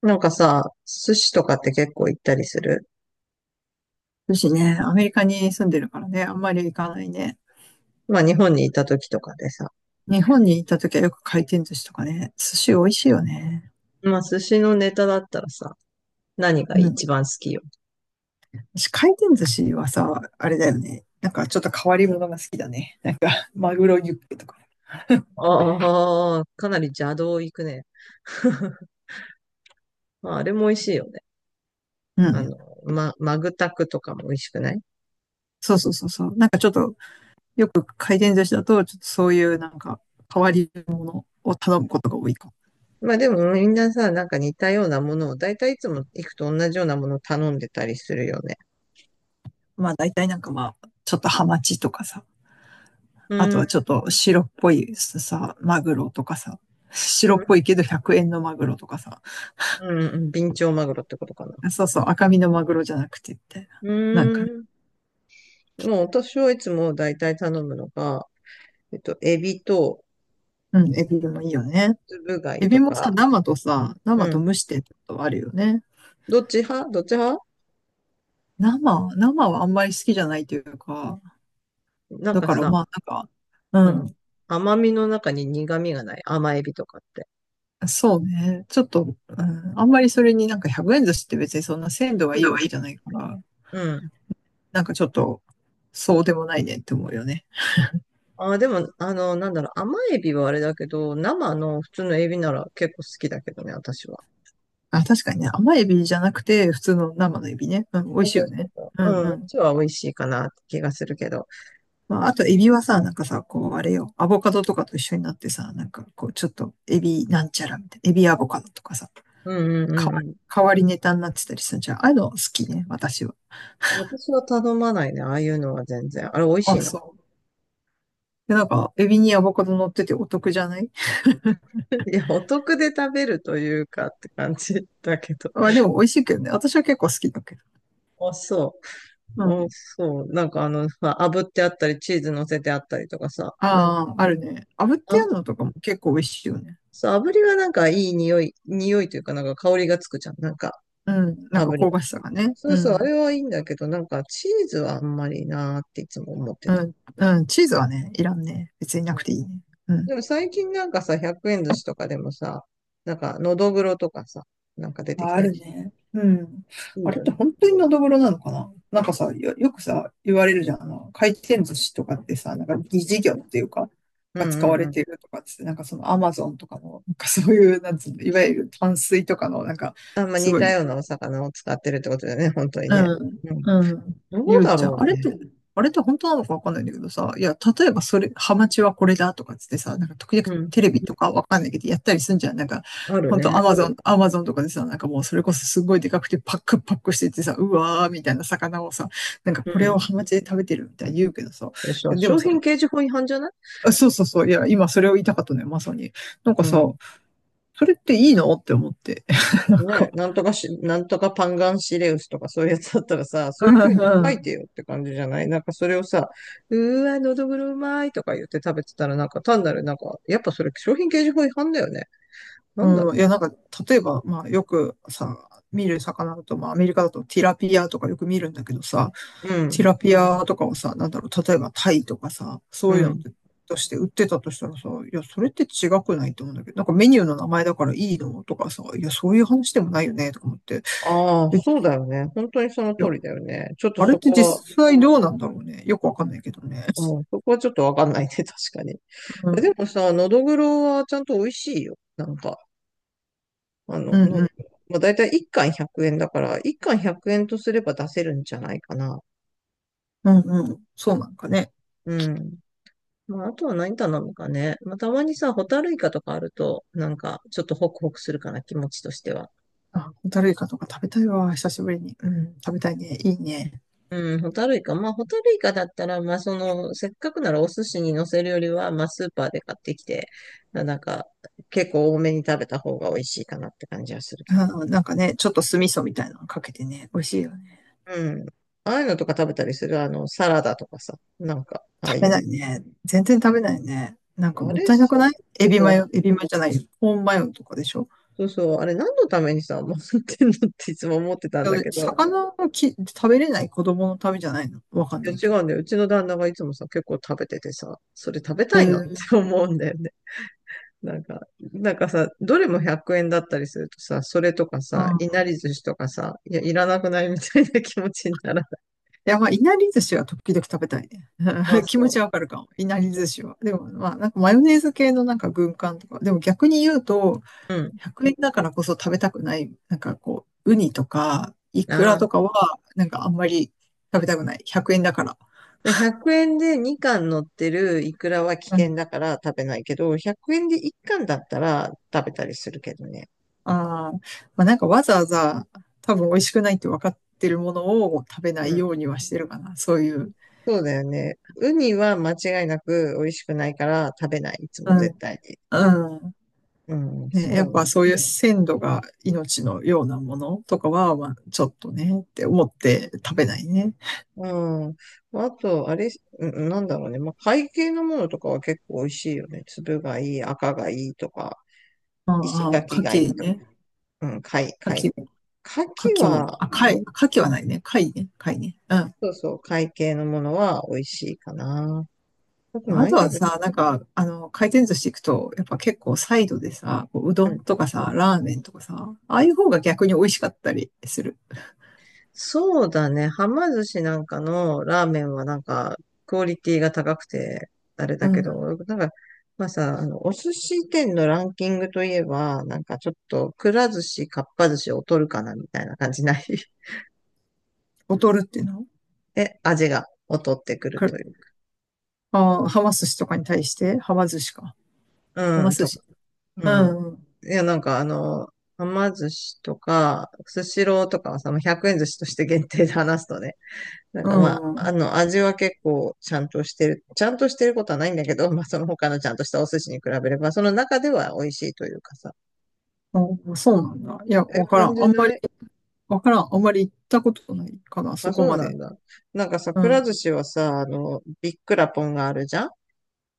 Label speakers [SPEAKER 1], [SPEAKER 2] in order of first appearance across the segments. [SPEAKER 1] なんかさ、寿司とかって結構行ったりする？
[SPEAKER 2] 寿司ね、アメリカに住んでるからね、あんまり行かないね。
[SPEAKER 1] まあ日本にいた時とかでさ。
[SPEAKER 2] 日本に行った時はよく回転寿司とかね、寿司美味しいよね。
[SPEAKER 1] まあ寿司のネタだったらさ、何が
[SPEAKER 2] うん。
[SPEAKER 1] 一番好き？よ。
[SPEAKER 2] 私回転寿司はさ、あれだよね。なんかちょっと変わり物が好きだね。なんか、マグロユッケとか。
[SPEAKER 1] ああ、かなり邪道行くね。まああれも美味しいよね。
[SPEAKER 2] う
[SPEAKER 1] あ
[SPEAKER 2] ん。
[SPEAKER 1] の、マグタクとかも美味しくない？
[SPEAKER 2] そうそうそうそう。なんかちょっと、よく回転寿司だと、ちょっとそういうなんか、変わり物を頼むことが多いかも。
[SPEAKER 1] まあでもみんなさ、似たようなものを、だいたいいつも行くと同じようなものを頼んでたりするよね。
[SPEAKER 2] まあ大体なんかまあ、ちょっとハマチとかさ、
[SPEAKER 1] う
[SPEAKER 2] あと
[SPEAKER 1] ー
[SPEAKER 2] は
[SPEAKER 1] ん、
[SPEAKER 2] ちょっと白っぽいさ、マグロとかさ、白っぽいけど100円のマグロとかさ、
[SPEAKER 1] うん、ビンチョウマグロってことかな。
[SPEAKER 2] あそうそう、赤身のマグロじゃなくてみたい
[SPEAKER 1] う
[SPEAKER 2] な。なんか
[SPEAKER 1] ー
[SPEAKER 2] ね。
[SPEAKER 1] ん、もう私はいつもだいたい頼むのが、エビと、
[SPEAKER 2] うん、エビもいいよね。
[SPEAKER 1] つぶ貝
[SPEAKER 2] エ
[SPEAKER 1] と
[SPEAKER 2] ビもさ、
[SPEAKER 1] か。
[SPEAKER 2] 生とさ、生
[SPEAKER 1] う
[SPEAKER 2] と
[SPEAKER 1] ん。
[SPEAKER 2] 蒸してってことあるよね。
[SPEAKER 1] どっち派？どっち派？
[SPEAKER 2] 生はあんまり好きじゃないというか、
[SPEAKER 1] なん
[SPEAKER 2] だ
[SPEAKER 1] か
[SPEAKER 2] から
[SPEAKER 1] さ、
[SPEAKER 2] まあな
[SPEAKER 1] う
[SPEAKER 2] ん
[SPEAKER 1] ん。
[SPEAKER 2] か、
[SPEAKER 1] 甘みの中に苦味がない甘エビとかって
[SPEAKER 2] うん、そうね。ちょっと、うん、あんまりそれになんか100円寿司って別にそんな鮮度がいい
[SPEAKER 1] の
[SPEAKER 2] わ
[SPEAKER 1] がい
[SPEAKER 2] け
[SPEAKER 1] い。
[SPEAKER 2] じゃないから、
[SPEAKER 1] うん。
[SPEAKER 2] なんかちょっと、そうでもないねって思うよね。
[SPEAKER 1] あー、でも、なんだろう、甘エビはあれだけど、生の普通のエビなら結構好きだけどね、私は。
[SPEAKER 2] あ、確かにね、甘エビじゃなくて、普通の生のエビね。うん、美
[SPEAKER 1] そ
[SPEAKER 2] 味
[SPEAKER 1] う
[SPEAKER 2] しい
[SPEAKER 1] そう
[SPEAKER 2] よ
[SPEAKER 1] そう
[SPEAKER 2] ね。
[SPEAKER 1] そ
[SPEAKER 2] う
[SPEAKER 1] う。
[SPEAKER 2] ん
[SPEAKER 1] うん、
[SPEAKER 2] う
[SPEAKER 1] う
[SPEAKER 2] ん。
[SPEAKER 1] ちは美味しいかなって気がするけど。
[SPEAKER 2] まあ、あと、エビはさ、なんかさ、こう、あれよ、アボカドとかと一緒になってさ、なんか、こう、ちょっと、エビなんちゃらみたいな、エビアボカドとかさ、
[SPEAKER 1] うんうん
[SPEAKER 2] 変
[SPEAKER 1] うんう
[SPEAKER 2] わり、
[SPEAKER 1] ん。
[SPEAKER 2] 変わりネタになってたりするじゃん。ああいうの好きね、私は。
[SPEAKER 1] 私は頼まないね、ああいうのは全然。あれ、美味し
[SPEAKER 2] あ、
[SPEAKER 1] いの？
[SPEAKER 2] そう。で、なんか、エビにアボカド乗っててお得じゃない？
[SPEAKER 1] いや、お得で食べるというかって感じだけど。
[SPEAKER 2] まあ、でも美味しいけどね。私は結構好きだけど。
[SPEAKER 1] あ、そ
[SPEAKER 2] う
[SPEAKER 1] う。うん、
[SPEAKER 2] ん。
[SPEAKER 1] そう。なんかあのさ、炙ってあったり、チーズ乗せてあったりとかさ、
[SPEAKER 2] ああ、あるね。炙ってや
[SPEAKER 1] あ、
[SPEAKER 2] るのとかも結構美味しいよね。
[SPEAKER 1] そう、炙りはなんかいい匂いというかなんか香りがつくじゃん。なんか、
[SPEAKER 2] うん。なんか
[SPEAKER 1] 炙り
[SPEAKER 2] 香
[SPEAKER 1] の。
[SPEAKER 2] ばしさがね。
[SPEAKER 1] そ
[SPEAKER 2] う
[SPEAKER 1] うそう、あ
[SPEAKER 2] ん。
[SPEAKER 1] れはいいんだけど、なんかチーズはあんまりなーっていつも思って
[SPEAKER 2] う
[SPEAKER 1] た。
[SPEAKER 2] ん。うん。チーズはね、いらんね。別にな
[SPEAKER 1] う
[SPEAKER 2] く
[SPEAKER 1] ん。
[SPEAKER 2] ていいね。うん。
[SPEAKER 1] でも最近なんかさ、100円寿司とかでもさ、なんか、のどぐろとかさ、なんか出てき
[SPEAKER 2] あ、あ
[SPEAKER 1] たり
[SPEAKER 2] る
[SPEAKER 1] し
[SPEAKER 2] ね。うん。
[SPEAKER 1] て。い
[SPEAKER 2] あ
[SPEAKER 1] い
[SPEAKER 2] れっ
[SPEAKER 1] よ
[SPEAKER 2] て
[SPEAKER 1] ね。
[SPEAKER 2] 本当にのどぐろなのかな？なんかさ、よくさ、言われるじゃん。あの、回転寿司とかってさ、なんか疑似業っていうか、
[SPEAKER 1] うん
[SPEAKER 2] が使
[SPEAKER 1] う
[SPEAKER 2] わ
[SPEAKER 1] ん
[SPEAKER 2] れ
[SPEAKER 1] うん。
[SPEAKER 2] てるとかっつって、なんかそのアマゾンとかの、なんかそういう、なんつうの、いわゆる淡水とかの、なんか、
[SPEAKER 1] あんま
[SPEAKER 2] す
[SPEAKER 1] 似
[SPEAKER 2] ご
[SPEAKER 1] た
[SPEAKER 2] い
[SPEAKER 1] ようなお魚を使ってるってことだよね、本当にね。
[SPEAKER 2] うん、
[SPEAKER 1] うん。
[SPEAKER 2] うん。
[SPEAKER 1] ど
[SPEAKER 2] 言
[SPEAKER 1] う
[SPEAKER 2] う
[SPEAKER 1] だ
[SPEAKER 2] じゃん。あ
[SPEAKER 1] ろう
[SPEAKER 2] れっ
[SPEAKER 1] ね。
[SPEAKER 2] て、あれって本当なのかわかんないんだけどさ、いや、例えばそれ、ハマチはこれだとかっつってさ、なんか時々
[SPEAKER 1] うん。
[SPEAKER 2] テレビとかわかんないけどやったりすんじゃん。なんか、
[SPEAKER 1] ある
[SPEAKER 2] 本当ア
[SPEAKER 1] ね。
[SPEAKER 2] マゾン、アマゾンとかでさ、なんかもうそれこそすごいでかくてパックパックしててさ、うわーみたいな魚をさ、なんか
[SPEAKER 1] う
[SPEAKER 2] これを
[SPEAKER 1] ん。
[SPEAKER 2] ハマチで食べてるみたいに言うけどさ、い
[SPEAKER 1] あれさ、
[SPEAKER 2] やで
[SPEAKER 1] 商
[SPEAKER 2] もさ、
[SPEAKER 1] 品掲示法違反じゃない？
[SPEAKER 2] あそうそうそう、いや、今それを言いたかったのよ、まさに。なんか
[SPEAKER 1] う
[SPEAKER 2] さ、
[SPEAKER 1] ん。
[SPEAKER 2] それっていいの？って思って。なん
[SPEAKER 1] ね、
[SPEAKER 2] か、
[SPEAKER 1] なんとかパンガンシレウスとかそういうやつだったらさ、そう
[SPEAKER 2] う
[SPEAKER 1] いう風
[SPEAKER 2] ん
[SPEAKER 1] に書
[SPEAKER 2] う
[SPEAKER 1] いて
[SPEAKER 2] ん
[SPEAKER 1] よって感じじゃない？なんかそれをさ、うーわ、のどぐろうまいとか言って食べてたらなんか単なるなんか、やっぱそれ商品掲示法違反だよね。なんだ
[SPEAKER 2] う
[SPEAKER 1] ろ
[SPEAKER 2] ん、いや、なんか、例えば、まあ、よくさ、見る魚だと、まあ、アメリカだとティラピアとかよく見るんだけどさ、
[SPEAKER 1] う。う
[SPEAKER 2] テ
[SPEAKER 1] ん、
[SPEAKER 2] ィラピアとかをさ、なんだろう、例えばタイとかさ、そ
[SPEAKER 1] う
[SPEAKER 2] ういうのっ
[SPEAKER 1] ん。
[SPEAKER 2] てとして売ってたとしたらさ、いや、それって違くない？と思うんだけど、なんかメニューの名前だからいいの？とかさ、いや、そういう話でもないよね、とか思って。
[SPEAKER 1] ああ、
[SPEAKER 2] え
[SPEAKER 1] そうだよね。本当にその
[SPEAKER 2] いや、
[SPEAKER 1] 通りだよね。ちょっと
[SPEAKER 2] あれ
[SPEAKER 1] そ
[SPEAKER 2] って
[SPEAKER 1] こは、
[SPEAKER 2] 実際どうなんだろうね。よくわかんないけどね。
[SPEAKER 1] うん、そこはちょっとわかんないね、確かに。
[SPEAKER 2] う
[SPEAKER 1] で
[SPEAKER 2] ん、
[SPEAKER 1] もさ、のどぐろはちゃんと美味しいよ。なんか。あ
[SPEAKER 2] う
[SPEAKER 1] の、
[SPEAKER 2] ん、
[SPEAKER 1] の、
[SPEAKER 2] うん、
[SPEAKER 1] まあ、だいたい1貫100円だから、1貫100円とすれば出せるんじゃないかな。
[SPEAKER 2] うん、うん。そうなんかね。
[SPEAKER 1] うん。まあ、あとは何頼むかね。まあ、たまにさ、ホタルイカとかあると、なんか、ちょっとホクホクするかな、気持ちとしては。
[SPEAKER 2] あ、ホタルイカとか食べたいわ、久しぶりに。うん、食べたいね。いいね。
[SPEAKER 1] うん、ホタルイカ。まあ、ホタルイカだったら、まあ、その、せっかくならお寿司に乗せるよりは、まあ、スーパーで買ってきて、まあなんか、結構多めに食べた方が美味しいかなって感じはするけど。
[SPEAKER 2] うん、なんかね、ちょっと酢味噌みたいなのかけてね、美味しいよね。
[SPEAKER 1] うん。ああいうのとか食べたりする？サラダとかさ、なんか、ああ
[SPEAKER 2] 食
[SPEAKER 1] い
[SPEAKER 2] べ
[SPEAKER 1] う
[SPEAKER 2] ないね。全然食べないね。なん
[SPEAKER 1] の。
[SPEAKER 2] か
[SPEAKER 1] あ
[SPEAKER 2] もっ
[SPEAKER 1] れ、
[SPEAKER 2] たいなくない？エビマヨ、エビマヨじゃないよ。コーンマヨとかでしょ？
[SPEAKER 1] そうそう、あれ何のためにさ、もらってんのっていつも思ってたん
[SPEAKER 2] いや
[SPEAKER 1] だけど、
[SPEAKER 2] 魚をき食べれない子供のためじゃないの？わかん
[SPEAKER 1] いや
[SPEAKER 2] ない
[SPEAKER 1] 違
[SPEAKER 2] けど。
[SPEAKER 1] うんだよ。うちの旦那がいつもさ、結構食べててさ、それ食べ
[SPEAKER 2] へ
[SPEAKER 1] た
[SPEAKER 2] え。
[SPEAKER 1] いなっ
[SPEAKER 2] うん。
[SPEAKER 1] て思うんだよね。なんか、なんかさ、どれも100円だったりするとさ、それとかさ、いなり寿司とかさ、いや、いらなくない？みたいな気持ちにならない？
[SPEAKER 2] いや、まあ、いなり寿司は時々食べたいね。
[SPEAKER 1] まあ
[SPEAKER 2] 気持
[SPEAKER 1] そ
[SPEAKER 2] ちわかるかも。いなり
[SPEAKER 1] う。
[SPEAKER 2] 寿司は。でも、まあ、なんかマヨネーズ系のなんか軍艦とか。でも逆に言うと、
[SPEAKER 1] うん。
[SPEAKER 2] 100円だからこそ食べたくない、なんかこう、ウニとか、イ
[SPEAKER 1] あ
[SPEAKER 2] クラ
[SPEAKER 1] あ。
[SPEAKER 2] とかは、なんかあんまり食べたくない。100円だから。
[SPEAKER 1] で100円で2貫乗ってるイクラは危
[SPEAKER 2] う
[SPEAKER 1] 険
[SPEAKER 2] ん。
[SPEAKER 1] だから食べないけど、100円で1貫だったら食べたりするけどね。
[SPEAKER 2] ああ、まあなんかわざわざ多分美味しくないって分かってるものを食べないようにはしてるかな。そういう。
[SPEAKER 1] そうだよね。ウニは間違いなく美味しくないから食べない。いつも
[SPEAKER 2] う
[SPEAKER 1] 絶
[SPEAKER 2] ん。
[SPEAKER 1] 対に。
[SPEAKER 2] うん。
[SPEAKER 1] うん、
[SPEAKER 2] ね、
[SPEAKER 1] そ
[SPEAKER 2] やっ
[SPEAKER 1] う。
[SPEAKER 2] ぱそういう鮮度が命のようなものとかは、まあちょっとねって思って食べないね。
[SPEAKER 1] うん。あと、あれ、うん、なんだろうね。まあ、貝系のものとかは結構美味しいよね。粒がいい、赤がいいとか、
[SPEAKER 2] ああ、
[SPEAKER 1] 石
[SPEAKER 2] ああ
[SPEAKER 1] 垣
[SPEAKER 2] 牡
[SPEAKER 1] がいい
[SPEAKER 2] 蠣
[SPEAKER 1] とか。
[SPEAKER 2] ね。
[SPEAKER 1] うん、
[SPEAKER 2] 牡
[SPEAKER 1] 貝。
[SPEAKER 2] 蠣も、
[SPEAKER 1] 牡
[SPEAKER 2] 牡
[SPEAKER 1] 蠣
[SPEAKER 2] 蠣も、
[SPEAKER 1] は、
[SPEAKER 2] あ、
[SPEAKER 1] あ、
[SPEAKER 2] 貝、牡蠣はないね。貝ね。貝ね。うん。
[SPEAKER 1] そうそう、貝系のものは美味しいかな。あと
[SPEAKER 2] まあ、あ
[SPEAKER 1] 何
[SPEAKER 2] とは
[SPEAKER 1] 食べて、
[SPEAKER 2] さ、なんか、あの、回転寿司行くと、やっぱ結
[SPEAKER 1] う
[SPEAKER 2] 構
[SPEAKER 1] ん、
[SPEAKER 2] サイドでさ、こううどんとかさ、ラーメンとかさ、ああいう方が逆に美味しかったりする。
[SPEAKER 1] そうだね。はま寿司なんかのラーメンはなんか、クオリティが高くてあれ
[SPEAKER 2] う
[SPEAKER 1] だけど、
[SPEAKER 2] ん。
[SPEAKER 1] なんか、まあさ、お寿司店のランキングといえば、なんかちょっと、くら寿司、かっぱ寿司を取るかな、みたいな感じない？
[SPEAKER 2] 劣るっていうの
[SPEAKER 1] え、味が劣ってくる
[SPEAKER 2] か？
[SPEAKER 1] という。
[SPEAKER 2] あー、はま寿司とかに対して、はま寿司か。は
[SPEAKER 1] う
[SPEAKER 2] ま
[SPEAKER 1] ん、
[SPEAKER 2] 寿
[SPEAKER 1] と、
[SPEAKER 2] 司。
[SPEAKER 1] う
[SPEAKER 2] う
[SPEAKER 1] ん。
[SPEAKER 2] ん。
[SPEAKER 1] いや、はま寿司とか、スシローとかはさ、もう100円寿司として限定で話すとね、なん
[SPEAKER 2] う
[SPEAKER 1] かまあ、
[SPEAKER 2] ん。
[SPEAKER 1] 味は結構ちゃんとしてることはないんだけど、まあその他のちゃんとしたお寿司に比べれば、その中では美味しいというかさ。
[SPEAKER 2] あ、そうなんだ。いや、
[SPEAKER 1] え、
[SPEAKER 2] わから
[SPEAKER 1] 感
[SPEAKER 2] ん。
[SPEAKER 1] じ
[SPEAKER 2] あんまり、
[SPEAKER 1] ない？
[SPEAKER 2] わからん。あんまり行ったことないかな、そ
[SPEAKER 1] あ、
[SPEAKER 2] こ
[SPEAKER 1] そう
[SPEAKER 2] ま
[SPEAKER 1] なん
[SPEAKER 2] で。
[SPEAKER 1] だ。なんかさ、
[SPEAKER 2] う
[SPEAKER 1] くら
[SPEAKER 2] ん。
[SPEAKER 1] 寿司はさ、ビッくらポンがあるじゃん。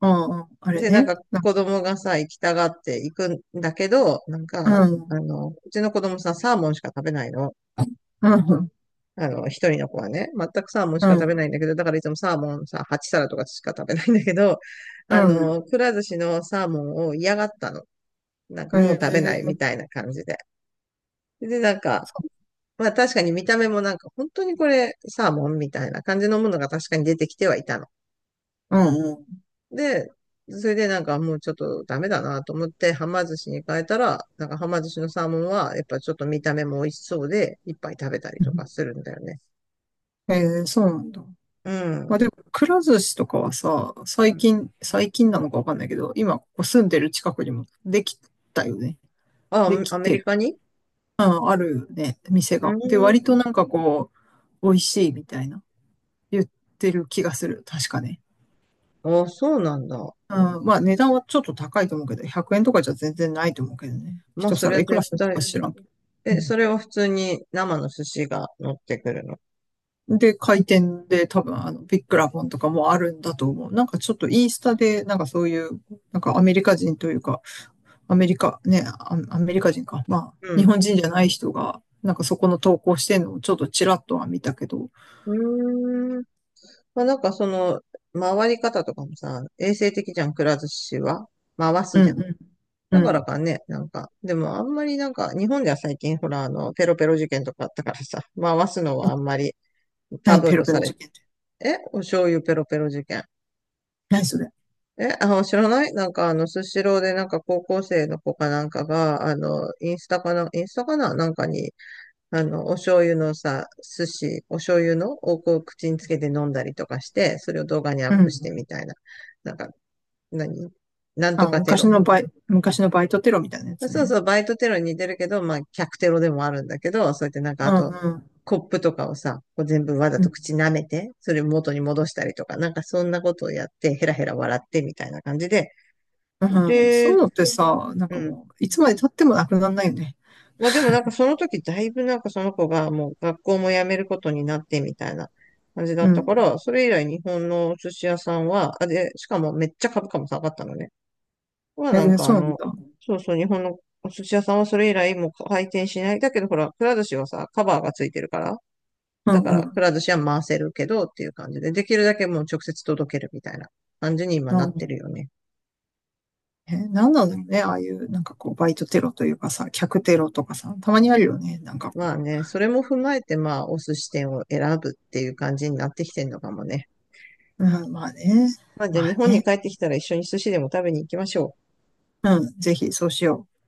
[SPEAKER 2] うん。うんあれ
[SPEAKER 1] で、なん
[SPEAKER 2] ね。
[SPEAKER 1] か
[SPEAKER 2] なん
[SPEAKER 1] 子
[SPEAKER 2] か、
[SPEAKER 1] 供がさ、行きたがって行くんだけど、なん
[SPEAKER 2] う
[SPEAKER 1] か、
[SPEAKER 2] ん。
[SPEAKER 1] うちの子供さ、サーモンしか食べないの。
[SPEAKER 2] うん。
[SPEAKER 1] 一人の子はね、全くサーモンし
[SPEAKER 2] う
[SPEAKER 1] か食べ
[SPEAKER 2] ん。
[SPEAKER 1] ないんだけど、だからいつもサーモンさ、8皿とかしか食べないんだけど、
[SPEAKER 2] うん。
[SPEAKER 1] くら寿司のサーモンを嫌がったの。なんかもう食べないみ
[SPEAKER 2] ええ
[SPEAKER 1] たいな感じで。で、なん
[SPEAKER 2] そ
[SPEAKER 1] か、
[SPEAKER 2] う。
[SPEAKER 1] まあ確かに見た目もなんか本当にこれサーモンみたいな感じのものが確かに出てきてはいたの。
[SPEAKER 2] うん。
[SPEAKER 1] で、それでなんかもうちょっとダメだなと思ってはま寿司に変えたら、なんかはま寿司のサーモンはやっぱちょっと見た目も美味しそうでいっぱい食べたり
[SPEAKER 2] う
[SPEAKER 1] とか
[SPEAKER 2] ん。
[SPEAKER 1] するんだよね。
[SPEAKER 2] ええ、そうなんだ。
[SPEAKER 1] うん。
[SPEAKER 2] まあ
[SPEAKER 1] う
[SPEAKER 2] でも、くら寿司とかはさ、最
[SPEAKER 1] ん。
[SPEAKER 2] 近、最近なのかわかんないけど、今、ここ住んでる近くにもできたよね。で
[SPEAKER 1] あ、
[SPEAKER 2] き
[SPEAKER 1] アメ
[SPEAKER 2] て
[SPEAKER 1] リ
[SPEAKER 2] る。
[SPEAKER 1] カに？
[SPEAKER 2] うん、あるね、店
[SPEAKER 1] う
[SPEAKER 2] が。で、
[SPEAKER 1] ー
[SPEAKER 2] 割
[SPEAKER 1] ん。
[SPEAKER 2] となんかこう、美味しいみたいな、言ってる気がする。確かね。
[SPEAKER 1] あ、そうなんだ。
[SPEAKER 2] うん、まあ値段はちょっと高いと思うけど、100円とかじゃ全然ないと思うけどね。
[SPEAKER 1] まあ、
[SPEAKER 2] 一
[SPEAKER 1] それ
[SPEAKER 2] 皿
[SPEAKER 1] は
[SPEAKER 2] いく
[SPEAKER 1] 絶
[SPEAKER 2] らするの
[SPEAKER 1] 対。
[SPEAKER 2] か知らんけど。う
[SPEAKER 1] え、
[SPEAKER 2] ん
[SPEAKER 1] それを普通に生の寿司が乗ってくるの？
[SPEAKER 2] で、回転で多分、あの、ビッグラボンとかもあるんだと思う。なんかちょっとインスタで、なんかそういう、なんかアメリカ人というか、アメリカ人か。まあ、
[SPEAKER 1] う
[SPEAKER 2] 日
[SPEAKER 1] ん。
[SPEAKER 2] 本人じゃない人が、なんかそこの投稿してんのをちょっとちらっとは見たけど、
[SPEAKER 1] うーん。まあ、なんかその、回り方とかもさ、衛生的じゃん、くら寿司は。回す
[SPEAKER 2] うん
[SPEAKER 1] じゃん。
[SPEAKER 2] うん、
[SPEAKER 1] だ
[SPEAKER 2] う
[SPEAKER 1] から
[SPEAKER 2] ん。
[SPEAKER 1] かね、なんか、でもあんまりなんか、日本では最近ほら、ペロペロ事件とかあったからさ、回すのはあんまりタ
[SPEAKER 2] 何
[SPEAKER 1] ブ
[SPEAKER 2] ペ
[SPEAKER 1] ー
[SPEAKER 2] ロ
[SPEAKER 1] と
[SPEAKER 2] ペ
[SPEAKER 1] さ
[SPEAKER 2] ロ
[SPEAKER 1] れ
[SPEAKER 2] 事
[SPEAKER 1] て、
[SPEAKER 2] 件って。
[SPEAKER 1] え、お醤油ペロペロ事件？
[SPEAKER 2] 何それ。
[SPEAKER 1] え、あ、知らない？なんか、スシローで、なんか、高校生の子かなんかが、インスタかな、なんかに、お醤油のさ、お醤油のをこう口につけて飲んだりとかして、それを動画にア
[SPEAKER 2] う
[SPEAKER 1] ップして
[SPEAKER 2] ん。
[SPEAKER 1] みたいな。なんか、何なんと
[SPEAKER 2] あ、
[SPEAKER 1] かテロ。
[SPEAKER 2] 昔のバイトテロみたいなやつ
[SPEAKER 1] そう
[SPEAKER 2] ね。
[SPEAKER 1] そう、バイトテロに似てるけど、まあ、客テロでもあるんだけど、そうやってなんか、
[SPEAKER 2] う
[SPEAKER 1] あ
[SPEAKER 2] ん
[SPEAKER 1] と、
[SPEAKER 2] うん。
[SPEAKER 1] コップとかをさ、こう全部わざ
[SPEAKER 2] う
[SPEAKER 1] と
[SPEAKER 2] ん。
[SPEAKER 1] 口舐めて、それ元に戻したりとか、なんかそんなことをやって、ヘラヘラ笑ってみたいな感じで、
[SPEAKER 2] うん、そういう
[SPEAKER 1] で、
[SPEAKER 2] のってさ、なん
[SPEAKER 1] う
[SPEAKER 2] か
[SPEAKER 1] ん。
[SPEAKER 2] もう、いつまで経ってもなくならないよね。
[SPEAKER 1] まあでもなんかその時だいぶなんかその子がもう学校も辞めることになってみたいな感じだ
[SPEAKER 2] う
[SPEAKER 1] ったか
[SPEAKER 2] ん。
[SPEAKER 1] ら、それ以来日本のお寿司屋さんは、あ、で、しかもめっちゃ株価も下がったのね。はな
[SPEAKER 2] 全
[SPEAKER 1] ん
[SPEAKER 2] 然
[SPEAKER 1] か
[SPEAKER 2] そ
[SPEAKER 1] あ
[SPEAKER 2] うなん
[SPEAKER 1] の、
[SPEAKER 2] だ。
[SPEAKER 1] そうそう、日本のお寿司屋さんはそれ以来もう回転しない。だけどほら、くら寿司はさ、カバーがついてるから、
[SPEAKER 2] う
[SPEAKER 1] だ
[SPEAKER 2] ん
[SPEAKER 1] か
[SPEAKER 2] う
[SPEAKER 1] らく
[SPEAKER 2] ん。
[SPEAKER 1] ら寿司は回せるけどっていう感じで、できるだけもう直接届けるみたいな感じに今
[SPEAKER 2] う
[SPEAKER 1] なって
[SPEAKER 2] ん、
[SPEAKER 1] るよね。
[SPEAKER 2] え、なんなんだろうね。ああいう、なんかこう、バイトテロというかさ、客テロとかさ、たまにあるよね。なんかこ
[SPEAKER 1] まあ
[SPEAKER 2] う、
[SPEAKER 1] ね、それも踏まえてまあお寿司店を選ぶっていう感じになってきてんのかもね。
[SPEAKER 2] うん、まあね。
[SPEAKER 1] まあ、じゃ
[SPEAKER 2] ま
[SPEAKER 1] あ日
[SPEAKER 2] あ
[SPEAKER 1] 本に
[SPEAKER 2] ね。
[SPEAKER 1] 帰ってきたら一緒に寿司でも食べに行きましょう。
[SPEAKER 2] うん、ぜひそうしよう。